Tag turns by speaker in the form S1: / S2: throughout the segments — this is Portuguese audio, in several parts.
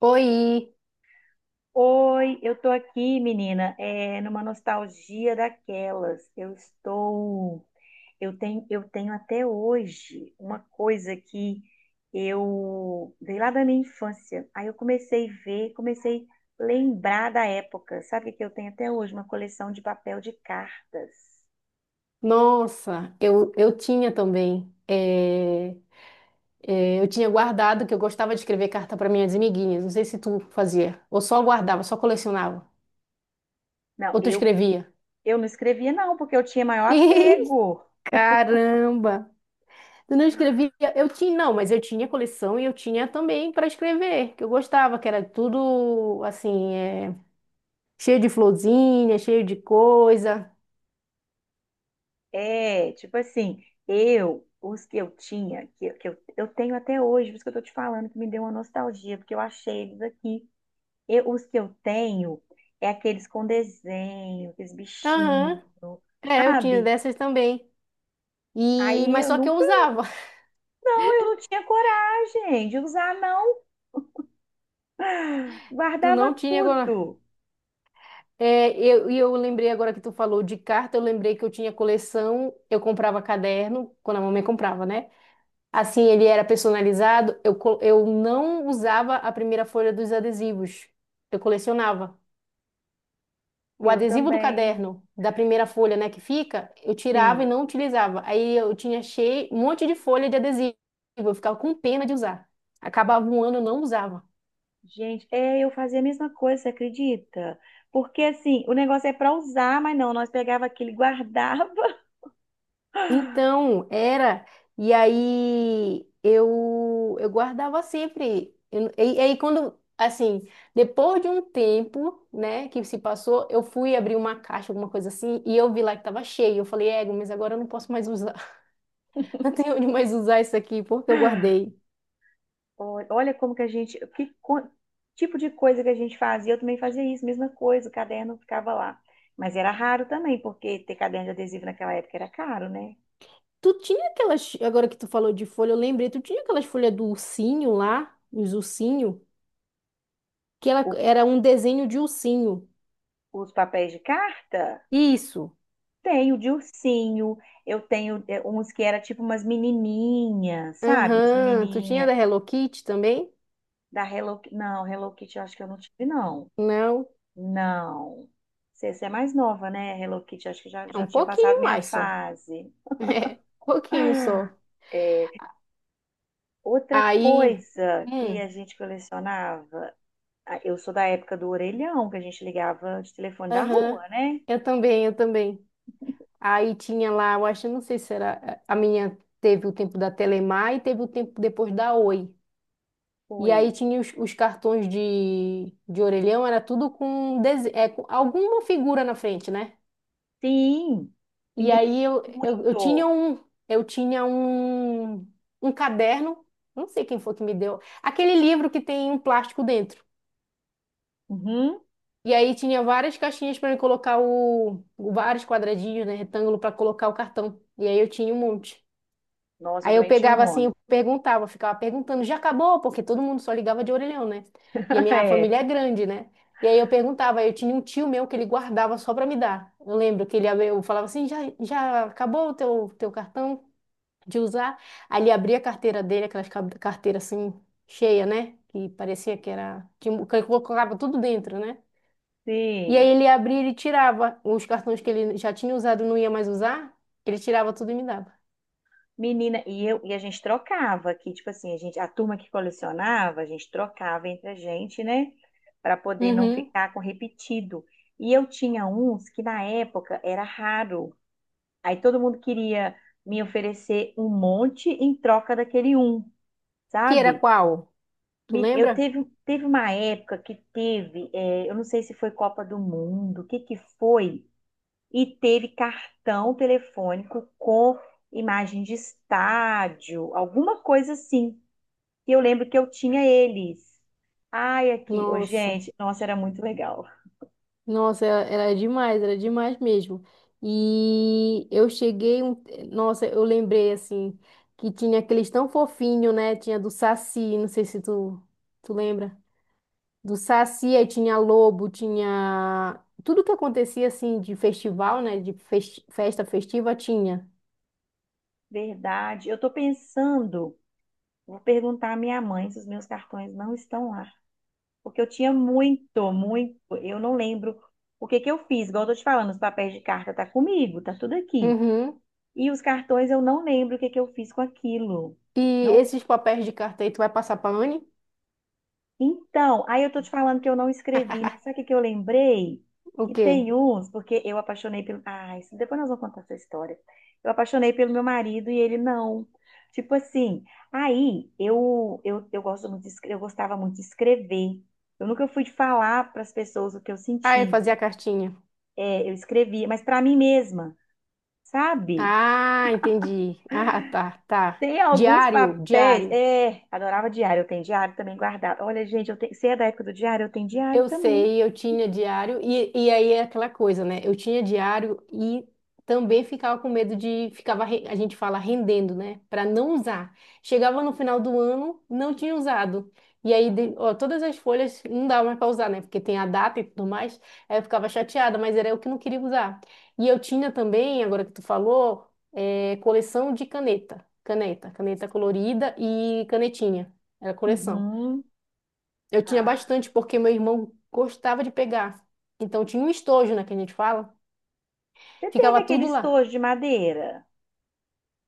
S1: Oi!
S2: Oi, eu tô aqui, menina, numa nostalgia daquelas. Eu tenho até hoje uma coisa que eu veio lá da minha infância. Aí eu comecei a ver, comecei a lembrar da época. Sabe o que eu tenho até hoje? Uma coleção de papel de cartas.
S1: Nossa, eu tinha também. Eu tinha guardado que eu gostava de escrever carta para minhas amiguinhas. Não sei se tu fazia, ou só guardava, só colecionava,
S2: Não,
S1: ou tu escrevia.
S2: eu não escrevia não, porque eu tinha maior apego.
S1: Caramba! Tu não escrevia? Eu tinha, não, mas eu tinha coleção e eu tinha também para escrever, que eu gostava, que era tudo assim, cheio de florzinha, cheio de coisa.
S2: Tipo assim, eu, os que eu tinha, que eu tenho até hoje, por isso que eu tô te falando, que me deu uma nostalgia, porque eu achei eles aqui. Eu, os que eu tenho é aqueles com desenho, aqueles
S1: Aham.
S2: bichinhos,
S1: É, eu tinha
S2: sabe?
S1: dessas também. E,
S2: Aí
S1: mas
S2: eu
S1: só que eu
S2: nunca,
S1: usava.
S2: não, eu não tinha coragem de usar, não.
S1: Tu
S2: Guardava
S1: não tinha agora.
S2: tudo.
S1: É, eu, e eu lembrei agora que tu falou de carta, eu lembrei que eu tinha coleção, eu comprava caderno, quando a mamãe comprava, né? Assim, ele era personalizado, eu, eu não usava a primeira folha dos adesivos, eu colecionava. O
S2: Eu
S1: adesivo do
S2: também,
S1: caderno, da primeira folha, né, que fica, eu tirava e
S2: sim.
S1: não utilizava. Aí eu tinha cheio, um monte de folha de adesivo, eu ficava com pena de usar. Acabava um ano, eu não usava.
S2: Gente, eu fazia a mesma coisa, você acredita? Porque assim, o negócio é pra usar, mas não, nós pegava aquilo e guardava.
S1: Então, era. E aí eu guardava sempre. E aí quando, assim, depois de um tempo, né, que se passou, eu fui abrir uma caixa, alguma coisa assim, e eu vi lá que tava cheio. Eu falei, ego, mas agora eu não posso mais usar. Não tenho onde mais usar isso aqui, porque eu guardei.
S2: Olha como que a gente, tipo de coisa que a gente fazia, eu também fazia isso, mesma coisa, o caderno ficava lá. Mas era raro também, porque ter caderno de adesivo naquela época era caro, né?
S1: Tu tinha aquelas, agora que tu falou de folha, eu lembrei, tu tinha aquelas folhas do ursinho lá, os ursinhos, que ela,
S2: O-
S1: era um desenho de ursinho.
S2: os papéis de carta,
S1: Isso.
S2: tenho de ursinho, eu tenho uns que era tipo umas menininhas, sabe? Umas
S1: Aham. Tu tinha
S2: menininha
S1: da Hello Kitty também?
S2: da Hello Kitty. Não, Hello Kitty eu acho que eu não tive, não.
S1: Não,
S2: Não. Você é mais nova, né? Hello Kitty, acho que
S1: é um
S2: já tinha passado
S1: pouquinho
S2: minha
S1: mais só.
S2: fase.
S1: É, pouquinho só.
S2: Outra
S1: Aí,
S2: coisa que
S1: hum,
S2: a gente colecionava, ah, eu sou da época do orelhão, que a gente ligava de telefone da
S1: aham,
S2: rua, né?
S1: eu também, eu também. Aí tinha lá, eu acho, não sei se era a minha, teve o tempo da Telemar e teve o tempo depois da Oi. E aí
S2: Foi.
S1: tinha os cartões de orelhão, era tudo com, com alguma figura na frente, né?
S2: Sim,
S1: E
S2: menino,
S1: aí eu, eu tinha
S2: muito.
S1: um, eu tinha um, um caderno, não sei quem foi que me deu, aquele livro que tem um plástico dentro.
S2: Uhum.
S1: E aí tinha várias caixinhas para colocar o, vários quadradinhos, né, retângulo para colocar o cartão. E aí eu tinha um monte.
S2: Nossa, eu
S1: Aí eu
S2: também tinha um
S1: pegava assim,
S2: monte.
S1: eu perguntava, eu ficava perguntando, já acabou? Porque todo mundo só ligava de orelhão, né? E a minha
S2: É,
S1: família é grande, né? E aí eu perguntava, aí eu tinha um tio meu que ele guardava só para me dar. Eu lembro que eu falava assim, já, já acabou o teu, teu cartão de usar? Aí ele abria a carteira dele, carteiras assim cheia, né? Que parecia que era que colocava tudo dentro, né? E aí
S2: sim.
S1: ele abria e ele tirava os cartões que ele já tinha usado, e não ia mais usar, ele tirava tudo e me dava.
S2: Menina, e eu e a gente trocava aqui, tipo assim, a gente, a turma que colecionava, a gente trocava entre a gente, né? Para poder não
S1: Uhum.
S2: ficar com repetido. E eu tinha uns que na época era raro. Aí todo mundo queria me oferecer um monte em troca daquele um,
S1: Que era
S2: sabe?
S1: qual? Tu lembra?
S2: Teve uma época que teve, eu não sei se foi Copa do Mundo, o que que foi, e teve cartão telefônico com imagem de estádio, alguma coisa assim. E eu lembro que eu tinha eles. Ai, aqui, ô,
S1: Nossa,
S2: gente, nossa, era muito legal.
S1: nossa, era, era demais mesmo. E eu cheguei, um... nossa, eu lembrei assim que tinha aqueles tão fofinho, né? Tinha do Saci, não sei se tu lembra. Do Saci, aí tinha lobo, tinha tudo que acontecia assim de festival, né? De festa festiva tinha.
S2: Verdade. Eu tô pensando, vou perguntar à minha mãe se os meus cartões não estão lá. Porque eu tinha muito, muito. Eu não lembro o que que eu fiz. Igual eu tô te falando, os papéis de carta tá comigo, tá tudo aqui.
S1: Uhum.
S2: E os cartões eu não lembro o que que eu fiz com aquilo.
S1: E
S2: Não.
S1: esses papéis de carta aí, tu vai passar pra Anne?
S2: Então, aí eu tô te falando que eu não escrevi, né? Sabe o que que eu lembrei?
S1: O
S2: Que
S1: quê?
S2: tem uns, porque eu apaixonei pelo. Ah, isso... depois nós vamos contar essa história. Eu apaixonei pelo meu marido e ele não. Tipo assim, aí eu gosto muito de, eu gostava muito de escrever. Eu nunca fui de falar para as pessoas o que eu
S1: Ah, eu fazia a
S2: sentia.
S1: cartinha.
S2: Eu escrevia, mas para mim mesma, sabe?
S1: Ah, entendi. Ah, tá, tá.
S2: Tem alguns
S1: Diário,
S2: papéis.
S1: diário.
S2: É, adorava diário, eu tenho diário também guardado. Olha, gente, eu tenho, você é da época do diário? Eu tenho diário
S1: Eu
S2: também.
S1: sei, eu tinha diário, e aí é aquela coisa, né? Eu tinha diário e também ficava com medo de, ficava, a gente fala, rendendo, né? Para não usar. Chegava no final do ano, não tinha usado. E aí, ó, todas as folhas não dava mais para usar, né? Porque tem a data e tudo mais. Aí eu ficava chateada, mas era eu que não queria usar. E eu tinha também, agora que tu falou, coleção de caneta. Caneta, caneta colorida e canetinha. Era coleção.
S2: Uhum.
S1: Eu tinha
S2: Ah,
S1: bastante, porque meu irmão gostava de pegar. Então tinha um estojo, né, que a gente fala.
S2: você teve
S1: Ficava
S2: aquele
S1: tudo lá.
S2: estojo de madeira?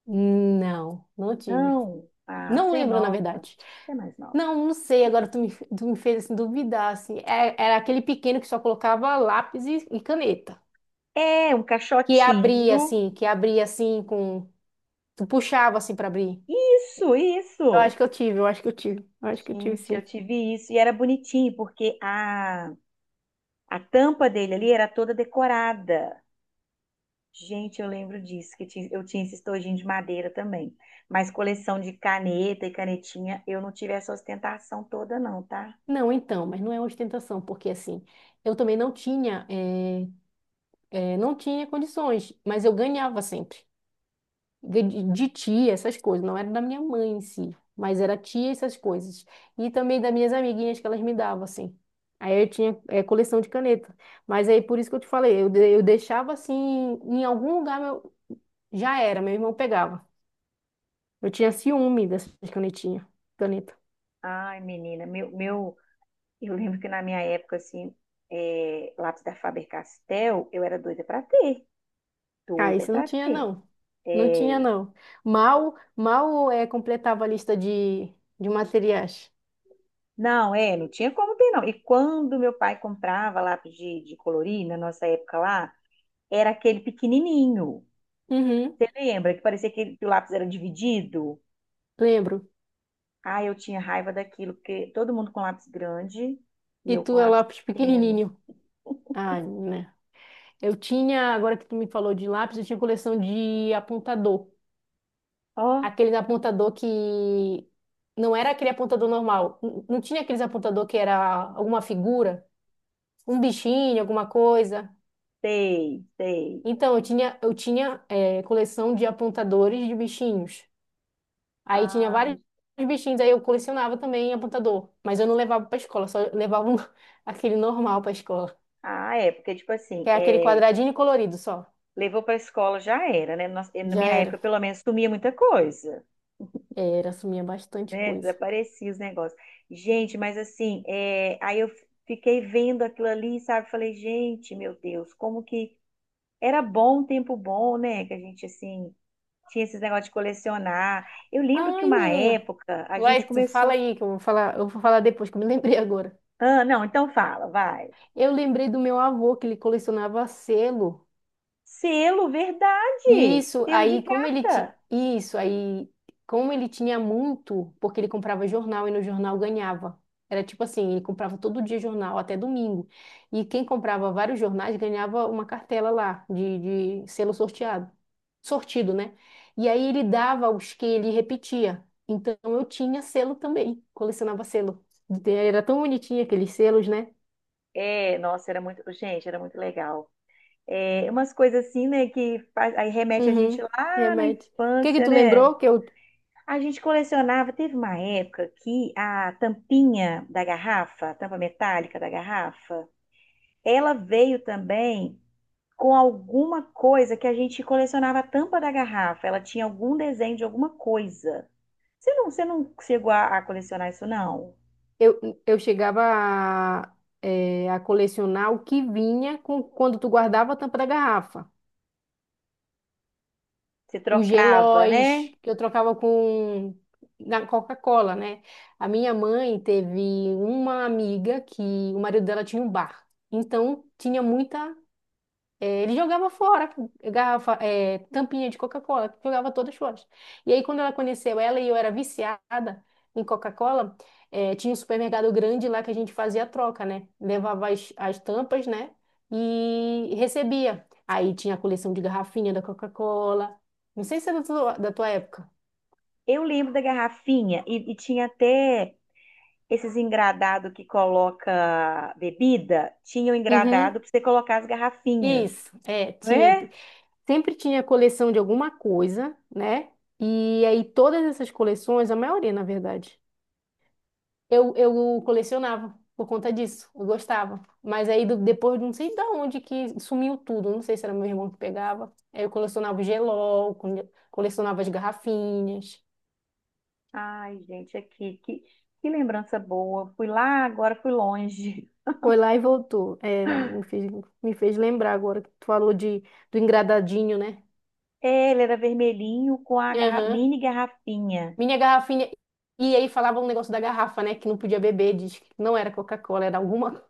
S1: Não, não tive.
S2: Não. Ah,
S1: Não
S2: você é
S1: lembro, na
S2: nova.
S1: verdade.
S2: Você é mais nova.
S1: Não, não sei. Agora tu me fez assim, duvidar, assim. Era aquele pequeno que só colocava lápis e caneta.
S2: É, um caixotinho.
S1: Que abria, assim, com... Tu puxava, assim, pra abrir.
S2: Isso,
S1: Eu acho
S2: isso.
S1: que eu tive, eu acho que eu tive. Eu acho que eu tive,
S2: Gente, eu
S1: sim.
S2: tive isso e era bonitinho, porque a tampa dele ali era toda decorada. Gente, eu lembro disso, eu tinha esse estojinho de madeira também. Mas coleção de caneta e canetinha, eu não tive essa ostentação toda, não, tá?
S1: Não, então, mas não é ostentação, porque, assim, eu também não tinha... eu não tinha condições, mas eu ganhava sempre. De tia, essas coisas. Não era da minha mãe em si, mas era tia, essas coisas. E também das minhas amiguinhas que elas me davam, assim. Aí eu tinha coleção de caneta. Mas aí por isso que eu te falei, eu, eu deixava assim, em algum lugar meu, já era, meu irmão pegava. Eu tinha ciúme dessas canetinhas, caneta.
S2: Ai, menina, eu lembro que na minha época, assim, lápis da Faber-Castell, eu era doida pra ter,
S1: Ah,
S2: doida
S1: isso não
S2: pra
S1: tinha,
S2: ter.
S1: não. Não tinha,
S2: É,
S1: não. Mal, mal completava a lista de materiais.
S2: não tinha como ter, não. E quando meu pai comprava lápis de colorir, na nossa época lá, era aquele pequenininho.
S1: Uhum,
S2: Você lembra que parecia que o lápis era dividido?
S1: lembro.
S2: Ah, eu tinha raiva daquilo, porque todo mundo com lápis grande e
S1: E
S2: eu com
S1: tu é
S2: lápis
S1: lápis
S2: pequeno.
S1: pequenininho. Ai, né? Eu tinha, agora que tu me falou de lápis, eu tinha coleção de apontador.
S2: Ó,
S1: Aquele apontador que não era aquele apontador normal. Não tinha aqueles apontador que era alguma figura, um bichinho, alguma coisa.
S2: sei, sei.
S1: Então, eu tinha coleção de apontadores de bichinhos. Aí tinha vários
S2: Ai,
S1: bichinhos, aí eu colecionava também apontador. Mas eu não levava pra escola, só levava aquele normal pra escola.
S2: ah, é, porque, tipo assim,
S1: Que é aquele quadradinho colorido só.
S2: levou pra escola já era, né? Nossa, na
S1: Já
S2: minha época,
S1: era.
S2: pelo menos, sumia muita coisa,
S1: Era, sumia bastante
S2: né?
S1: coisa.
S2: Desaparecia os negócios. Gente, mas assim, aí eu fiquei vendo aquilo ali, sabe? Falei, gente, meu Deus, como que era bom, um tempo bom, né? Que a gente, assim, tinha esses negócios de colecionar. Eu lembro que
S1: Ai,
S2: uma
S1: menina.
S2: época a
S1: Vai,
S2: gente
S1: tu fala
S2: começou.
S1: aí, que eu vou falar depois, que eu me lembrei agora.
S2: Ah, não, então fala, vai.
S1: Eu lembrei do meu avô, que ele colecionava selo.
S2: Selo, verdade.
S1: Isso,
S2: Selo de
S1: aí como ele ti...
S2: carta.
S1: isso aí como ele tinha muito, porque ele comprava jornal e no jornal ganhava. Era tipo assim, ele comprava todo dia jornal até domingo. E quem comprava vários jornais ganhava uma cartela lá de selo sorteado, sortido, né? E aí ele dava os que ele repetia. Então eu tinha selo também, colecionava selo. Era tão bonitinho aqueles selos, né?
S2: É, nossa, era muito, gente, era muito legal. É, umas coisas assim, né, aí remete a
S1: Uhum,
S2: gente lá na
S1: remédio. O que que
S2: infância,
S1: tu
S2: né?
S1: lembrou que eu...
S2: A gente colecionava, teve uma época que a tampinha da garrafa, a tampa metálica da garrafa, ela veio também com alguma coisa que a gente colecionava a tampa da garrafa. Ela tinha algum desenho de alguma coisa. Você não chegou a colecionar isso, não?
S1: Eu, eu chegava a, a colecionar o que vinha com, quando tu guardava a tampa da garrafa.
S2: Se
S1: Os
S2: trocava, né?
S1: gelóis que eu trocava com na Coca-Cola, né? A minha mãe teve uma amiga que o marido dela tinha um bar. Então tinha muita... É, ele jogava fora garrafa, é, tampinha de Coca-Cola, jogava todas fora. E aí, quando ela conheceu ela e eu era viciada em Coca-Cola, é, tinha um supermercado grande lá que a gente fazia a troca, né? Levava as, as tampas, né? E recebia. Aí tinha a coleção de garrafinha da Coca-Cola. Não sei se é da tua época.
S2: Eu lembro da garrafinha e tinha até esses engradado que coloca bebida, tinha o
S1: Uhum.
S2: engradado para você colocar as garrafinhas,
S1: Isso, é,
S2: não
S1: tinha,
S2: é?
S1: sempre tinha coleção de alguma coisa, né? E aí todas essas coleções, a maioria, na verdade, eu colecionava por conta disso, eu gostava. Mas aí depois de não sei de onde que sumiu tudo, não sei se era meu irmão que pegava. Aí eu colecionava o gelol, colecionava as garrafinhas.
S2: Ai, gente, aqui, que lembrança boa. Fui lá, agora fui longe.
S1: Foi lá e voltou. É, me fez lembrar agora que tu falou de, do engradadinho, né?
S2: É, ele era vermelhinho com a
S1: Aham.
S2: mini garrafinha.
S1: Minha garrafinha. E aí falava um negócio da garrafa, né? Que não podia beber, diz que não era Coca-Cola, era alguma.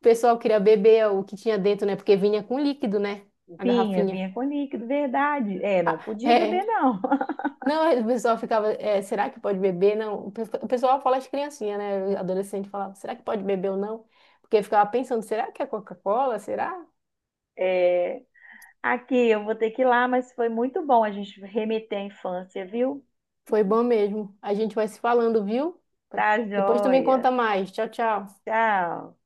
S1: O pessoal queria beber o que tinha dentro, né? Porque vinha com líquido, né? A
S2: Vinha,
S1: garrafinha.
S2: vinha com líquido, verdade. É, não
S1: Ah,
S2: podia beber,
S1: é.
S2: não.
S1: Não, é, o pessoal ficava, é, será que pode beber? Não, o pessoal fala as criancinhas, né? Adolescente falava, será que pode beber ou não? Porque ficava pensando, será que é Coca-Cola? Será?
S2: É, aqui eu vou ter que ir lá, mas foi muito bom a gente remeter à infância, viu?
S1: Foi bom mesmo. A gente vai se falando, viu?
S2: Tá
S1: Depois tu me
S2: joia.
S1: conta mais. Tchau, tchau.
S2: Tchau.